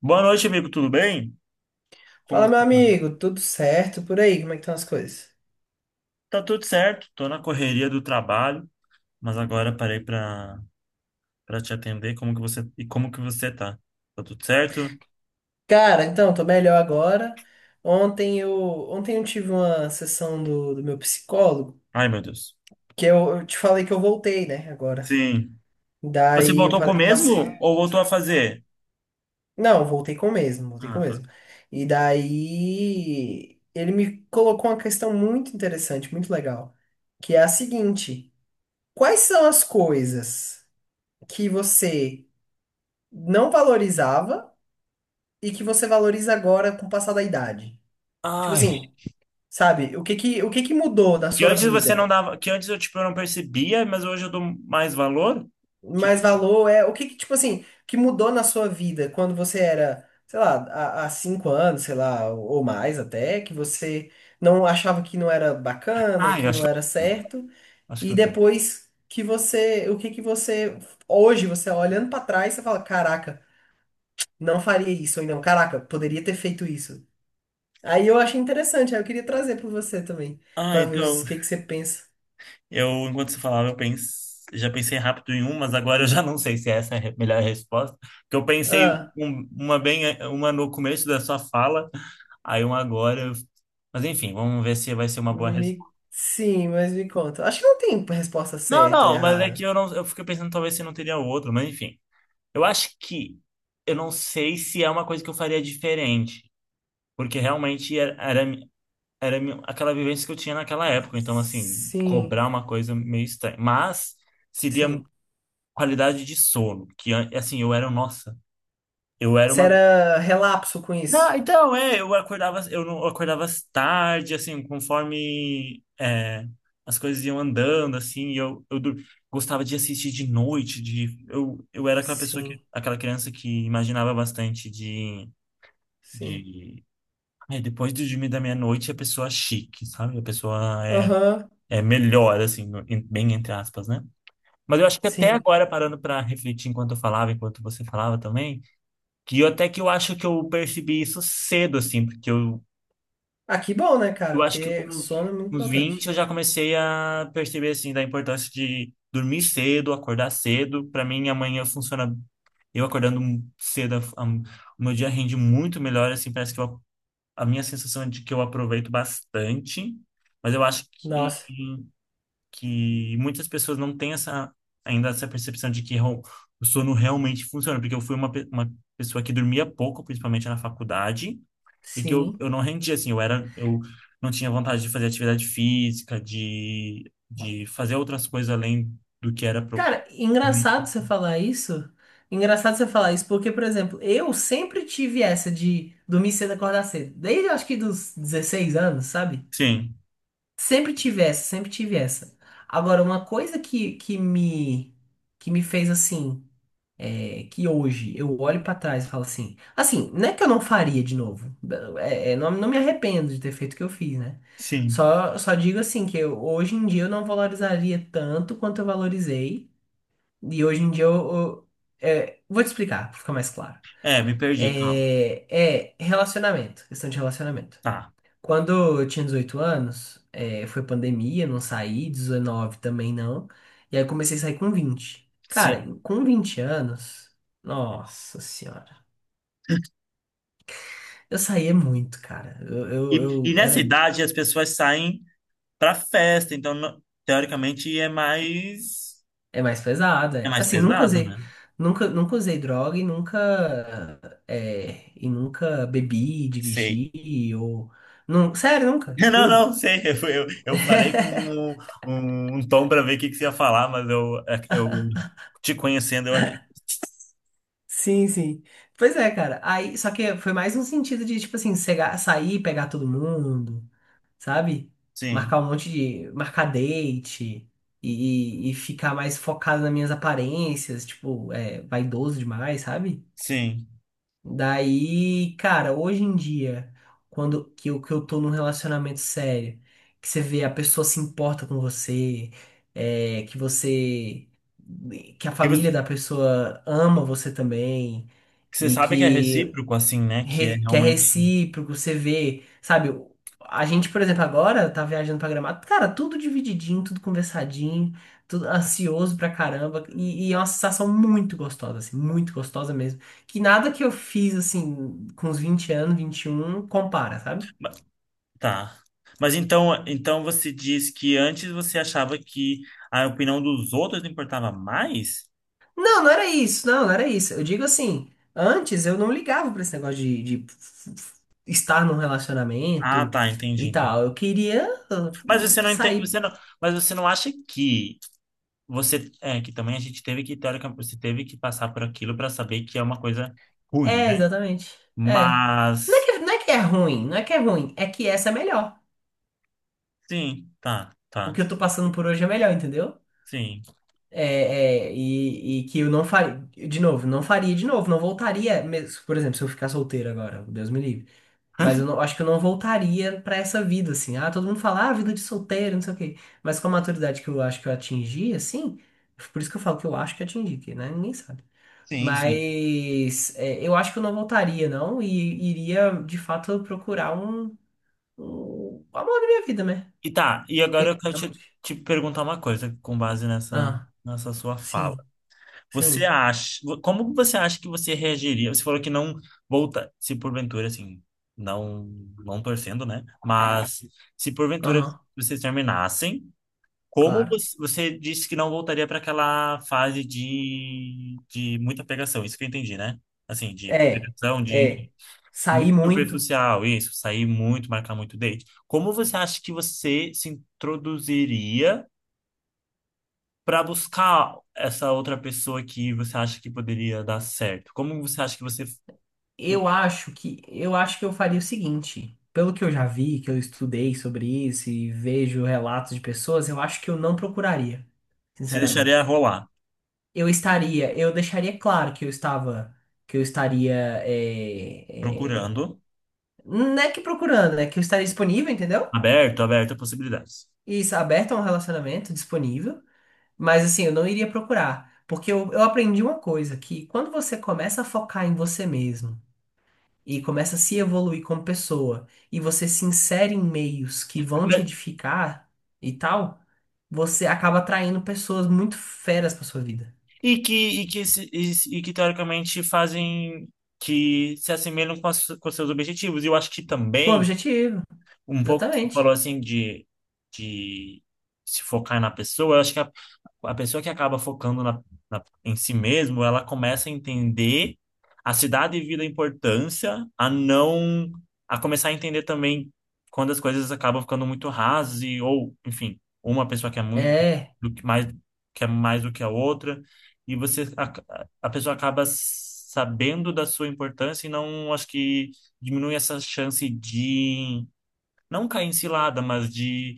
Boa noite, amigo. Tudo bem? Como Fala, você meu tá? amigo, tudo certo por aí? Como é que estão as coisas? Tá tudo certo. Tô na correria do trabalho, mas agora parei para te atender. Como que você e como que você tá? Tá tudo certo? Cara, então, tô melhor agora. Ontem eu, ontem eu tive uma sessão do meu psicólogo, Ai, meu Deus. que eu te falei que eu voltei, né, agora. Sim. Você Daí eu voltou com o mesmo passei. ou voltou a fazer? Não, voltei com o mesmo, voltei com Ah, o tá. mesmo. E daí ele me colocou uma questão muito interessante, muito legal, que é a seguinte: quais são as coisas que você não valorizava e que você valoriza agora com o passar da idade? Tipo Ai, assim, sabe? O que que mudou na que sua antes você não vida? dava, que antes eu tipo eu não percebia, mas hoje eu dou mais valor? Tipo, Mais valor é o que que, tipo assim, que mudou na sua vida quando você era, sei lá, há cinco anos, sei lá, ou mais até, que você não achava que não era bacana, ai, que não era eu, certo, acho que e eu tenho. depois que você, o que que você, hoje você olhando pra trás, você fala, caraca, não faria isso, ou não, caraca, poderia ter feito isso. Aí eu achei interessante, aí eu queria trazer pra você também, Ah, pra ver então o que que você pensa. eu, enquanto você falava, já pensei rápido em um, mas agora eu já não sei se essa é a melhor resposta. Porque eu pensei Ah. Uma bem, uma no começo da sua fala, aí uma agora. Mas enfim, vamos ver se vai ser uma boa Me... resposta. Sim, mas me conta. Acho que não tem resposta Não, certa ou não, mas é que errada. eu não, eu fiquei pensando talvez se não teria outro, mas enfim. Eu acho que eu não sei se é uma coisa que eu faria diferente, porque realmente era era aquela vivência que eu tinha naquela época, então assim, Sim, cobrar uma coisa meio estranha. Mas seria sim. qualidade de sono, que assim, eu era, nossa, eu era Você uma... era relapso com Não, isso? então, é, eu acordava, eu não eu acordava às tarde, assim, conforme é, as coisas iam andando, assim, e eu gostava de assistir de noite, de eu era aquela pessoa, que Sim, aquela criança que imaginava bastante sim. de ai, depois de dormir da meia-noite, a pessoa é chique, sabe? A pessoa é Aham, é melhor, assim, bem entre aspas, né? Mas eu acho que até sim. agora, parando para refletir enquanto eu falava, enquanto você falava também, que eu, até que eu acho que eu percebi isso cedo, assim, porque Ah, que bom, né, cara? eu acho que com Porque uns sono é muito uns 20 importante. eu já comecei a perceber, assim, da importância de dormir cedo, acordar cedo. Para mim, amanhã funciona. Eu acordando cedo, o meu dia rende muito melhor, assim, parece que eu, a minha sensação é de que eu aproveito bastante, mas eu acho que Nossa, muitas pessoas não têm essa ainda essa percepção de que o sono realmente funciona, porque eu fui uma pessoa que dormia pouco, principalmente na faculdade, e que sim. eu não rendia assim, eu não tinha vontade de fazer atividade física, de fazer outras coisas além do que era pro... Cara, engraçado você falar isso. Engraçado você falar isso, porque, por exemplo, eu sempre tive essa de dormir cedo e acordar cedo. Desde eu acho que dos 16 anos, sabe? Sim, Sempre tive essa, sempre tive essa. Agora, uma coisa que me fez assim, é, que hoje eu olho pra trás e falo assim, assim, não é que eu não faria de novo. Não, não me arrependo de ter feito o que eu fiz, né? sim. Só digo assim que hoje em dia eu não valorizaria tanto quanto eu valorizei. E hoje em dia é, vou te explicar, pra ficar mais claro. É, me perdi, calma. É relacionamento, questão de relacionamento. Tá. Quando eu tinha 18 anos, foi pandemia, não saí, 19 também não. E aí eu comecei a sair com 20. Cara, Sim. Com 20 anos, nossa senhora. Eu saía muito, cara. Eu, eu, E eu era. nessa idade as pessoas saem pra festa, então teoricamente É mais pesada. é É. mais Assim, nunca pesado, né? usei. Nunca usei droga e nunca. Nunca bebi, Sei. dirigi, ou. Não, sério, nunca, Não, juro. não, sei. Eu falei com um tom para ver o que, que você ia falar, mas eu, é, eu te conhecendo, eu acredito. Sim, sim. Pois é, cara. Aí, só que foi mais um sentido de, tipo assim, sair, pegar todo mundo, sabe? Sim, Marcar um monte de. Marcar date e ficar mais focado nas minhas aparências, tipo, é, vaidoso demais, sabe? sim. Daí, cara, hoje em dia, quando que eu tô num relacionamento sério, que você vê a pessoa se importa com você, é, que você. Que a Que família você, da pessoa ama você também que você e sabe que é que, recíproco, assim, né? Que é que é realmente. recíproco, você vê, sabe? A gente, por exemplo, agora tá viajando pra Gramado, cara, tudo divididinho, tudo conversadinho, tudo ansioso pra caramba, e é uma sensação muito gostosa, assim, muito gostosa mesmo. Que nada que eu fiz, assim, com os 20 anos, 21 compara, sabe? Mas... Tá. Mas então, então você diz que antes você achava que a opinião dos outros importava mais? Não, não era isso. Eu digo assim, antes eu não ligava pra esse negócio de estar num Ah, relacionamento tá, entendi, e entendi. tal. Eu queria Mas você não entende, sair. você não, mas você não acha que... Você é que também a gente teve que teoricamente você teve que passar por aquilo para saber que é uma coisa ruim, É, né? exatamente. É. Mas não é que é ruim, não é que é ruim, é que essa é melhor. sim, tá, O que tá. eu tô passando por hoje é melhor, entendeu? Sim. E que eu não faria, de novo, não faria de novo, não voltaria, por exemplo, se eu ficar solteiro agora, Deus me livre. Mas eu não, acho que eu não voltaria pra essa vida, assim. Ah, todo mundo fala, ah, vida de solteiro, não sei o quê. Mas com a maturidade que eu acho que eu atingi, assim, por isso que eu falo que eu acho que atingi, que né? Ninguém sabe. Sim, sim. Mas é, eu acho que eu não voltaria, não, e iria de fato procurar um o amor da minha vida, né? E tá, e agora Porque eu quero te realmente. te perguntar uma coisa com base nessa Ah, nessa sua fala. sim, Você sim. acha, como você acha que você reagiria? Você falou que não volta, se porventura assim, não, não torcendo, né? Mas se porventura Aham, vocês terminassem... Como claro. você, você disse que não voltaria para aquela fase de muita pegação, isso que eu entendi, né? Assim, de É, pegação, de é. muito Sair muito. superficial, isso, sair muito, marcar muito date. Como você acha que você se introduziria para buscar essa outra pessoa que você acha que poderia dar certo? Como você acha que você Eu acho que eu faria o seguinte. Pelo que eu já vi, que eu estudei sobre isso e vejo relatos de pessoas, eu acho que eu não procuraria, se deixaria sinceramente. rolar? Eu deixaria claro que eu estava, que eu estaria, é, é, Procurando, não é que procurando, né? Que eu estaria disponível, entendeu? aberto, aberto a possibilidades. Isso, aberto a um relacionamento, disponível, mas assim, eu não iria procurar. Porque eu aprendi uma coisa, que quando você começa a focar em você mesmo e começa a se evoluir como pessoa e você se insere em meios que vão te edificar e tal, você acaba atraindo pessoas muito feras pra sua vida. E que, e que, e, e que teoricamente fazem que se assemelham com, as, com seus objetivos. E eu acho que Com também objetivo, um pouco que você exatamente. falou assim de se focar na pessoa, eu acho que a pessoa que acaba focando na, em si mesmo, ela começa a entender a se dar devida importância, a não, a começar a entender também quando as coisas acabam ficando muito rasas e, ou, enfim, uma pessoa quer muito É, do que mais quer mais do que a outra, e você a pessoa acaba sabendo da sua importância e não acho que diminui essa chance de não cair em cilada, mas de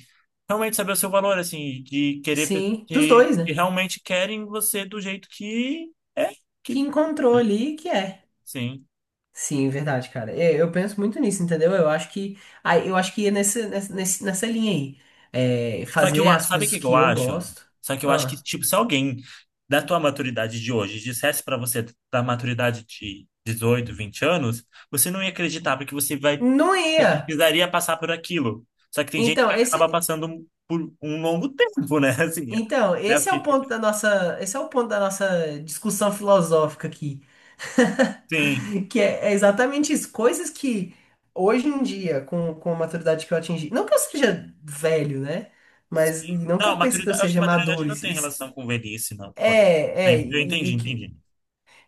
realmente saber o seu valor, assim, de querer pessoas sim, dos dois, que né? realmente querem você do jeito que é, que Que encontrou ali que é. sim. Sim, verdade, cara. É, eu penso muito nisso, entendeu? Eu acho que, aí eu acho que é nessa linha aí. É, Só que eu, fazer as sabe o coisas que que eu que eu acho? gosto. Só que eu acho que, Ah, tipo, se alguém da tua maturidade de hoje dissesse pra você da maturidade de dezoito, 20 anos, você não ia acreditar, porque você vai, não você ia. precisaria passar por aquilo. Só que tem gente que Então, acaba esse, passando por um longo tempo, né? Assim, então, é, a esse é o ponto da nossa, esse é o ponto da nossa discussão filosófica aqui. sim. Que é, é exatamente isso. Coisas que hoje em dia, com a maturidade que eu atingi, não que eu seja velho, né? Sim. Mas não que Não, eu pense que eu maturidade, acho que seja maturidade maduro. não tem isso- relação com velhice, não. Pode. É, é, é, eu e, entendi, e que. entendi.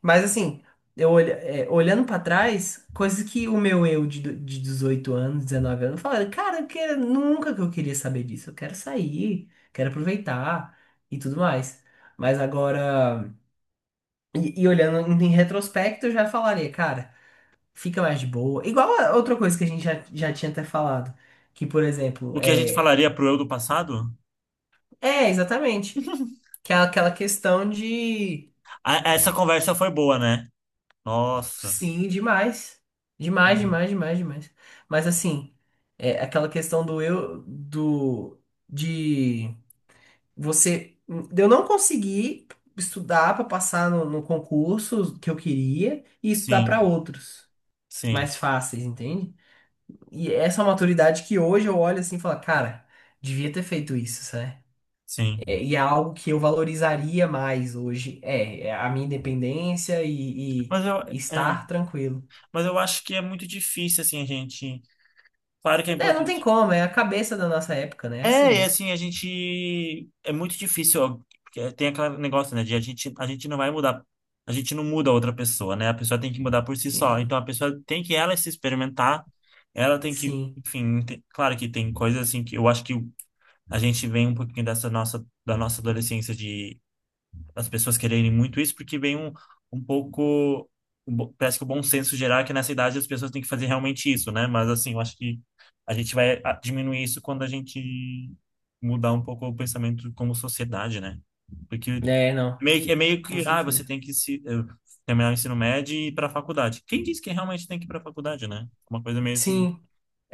Mas assim, eu olha, é, olhando pra trás, coisas que o meu eu de, de 18 anos, 19 anos, falava, cara, nunca que eu queria saber disso. Eu quero sair, quero aproveitar e tudo mais. Mas agora, e olhando em retrospecto, eu já falaria, cara. Fica mais de boa. Igual a outra coisa que a gente já tinha até falado. Que, por exemplo, O que a gente é. falaria pro eu do passado? É, exatamente. Que é aquela questão de. Ah, essa conversa foi boa, né? Nossa. Sim, demais. Demais, demais, demais, demais. Mas assim, é aquela questão do eu. Do. De. Você. De eu não conseguir estudar para passar no concurso que eu queria e estudar para Sim, outros sim, mais fáceis, entende? E essa é uma maturidade que hoje eu olho assim e falo, cara, devia ter feito isso, né. É, sim. e é algo que eu valorizaria mais hoje. É, é a minha independência Mas eu, e é, estar tranquilo. mas eu acho que é muito difícil, assim, a gente... Claro que é É, não tem importante. como, é a cabeça da nossa época, né? É assim É, e mesmo. assim, a gente... É muito difícil, ó, porque é, tem aquele negócio, né, de a gente não vai mudar. A gente não muda a outra pessoa, né? A pessoa tem que mudar por si só. Sim, Então a pessoa tem que ela se experimentar, ela tem que, sim. enfim, claro que tem coisas assim que eu acho que a gente vem um pouquinho dessa nossa, da nossa adolescência, as pessoas quererem muito isso, porque vem um, um pouco. Parece que o bom senso geral é que nessa idade as pessoas têm que fazer realmente isso, né? Mas assim, eu acho que a gente vai ah, diminuir isso quando a gente mudar um pouco o pensamento como sociedade, né? Porque É, não, meio, é meio com que, ah, você certeza. tem que se, terminar o ensino médio e ir para a faculdade. Quem disse que realmente tem que ir para a faculdade, né? Uma coisa meio assim Sim.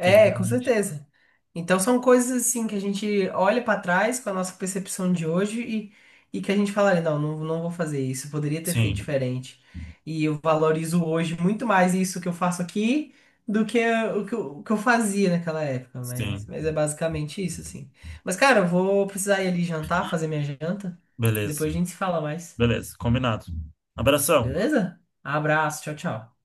que a com gente... certeza. Então são coisas assim que a gente olha pra trás com a nossa percepção de hoje e que a gente fala, não, não, não vou fazer isso, eu poderia ter feito Sim, diferente. E eu valorizo hoje muito mais isso que eu faço aqui do que o que eu fazia naquela época, sim. mas é basicamente isso, assim. Mas, cara, eu vou precisar ir ali jantar, fazer minha janta. Beleza, Depois a gente se fala mais, beleza, combinado. Abração. beleza? Abraço, tchau, tchau.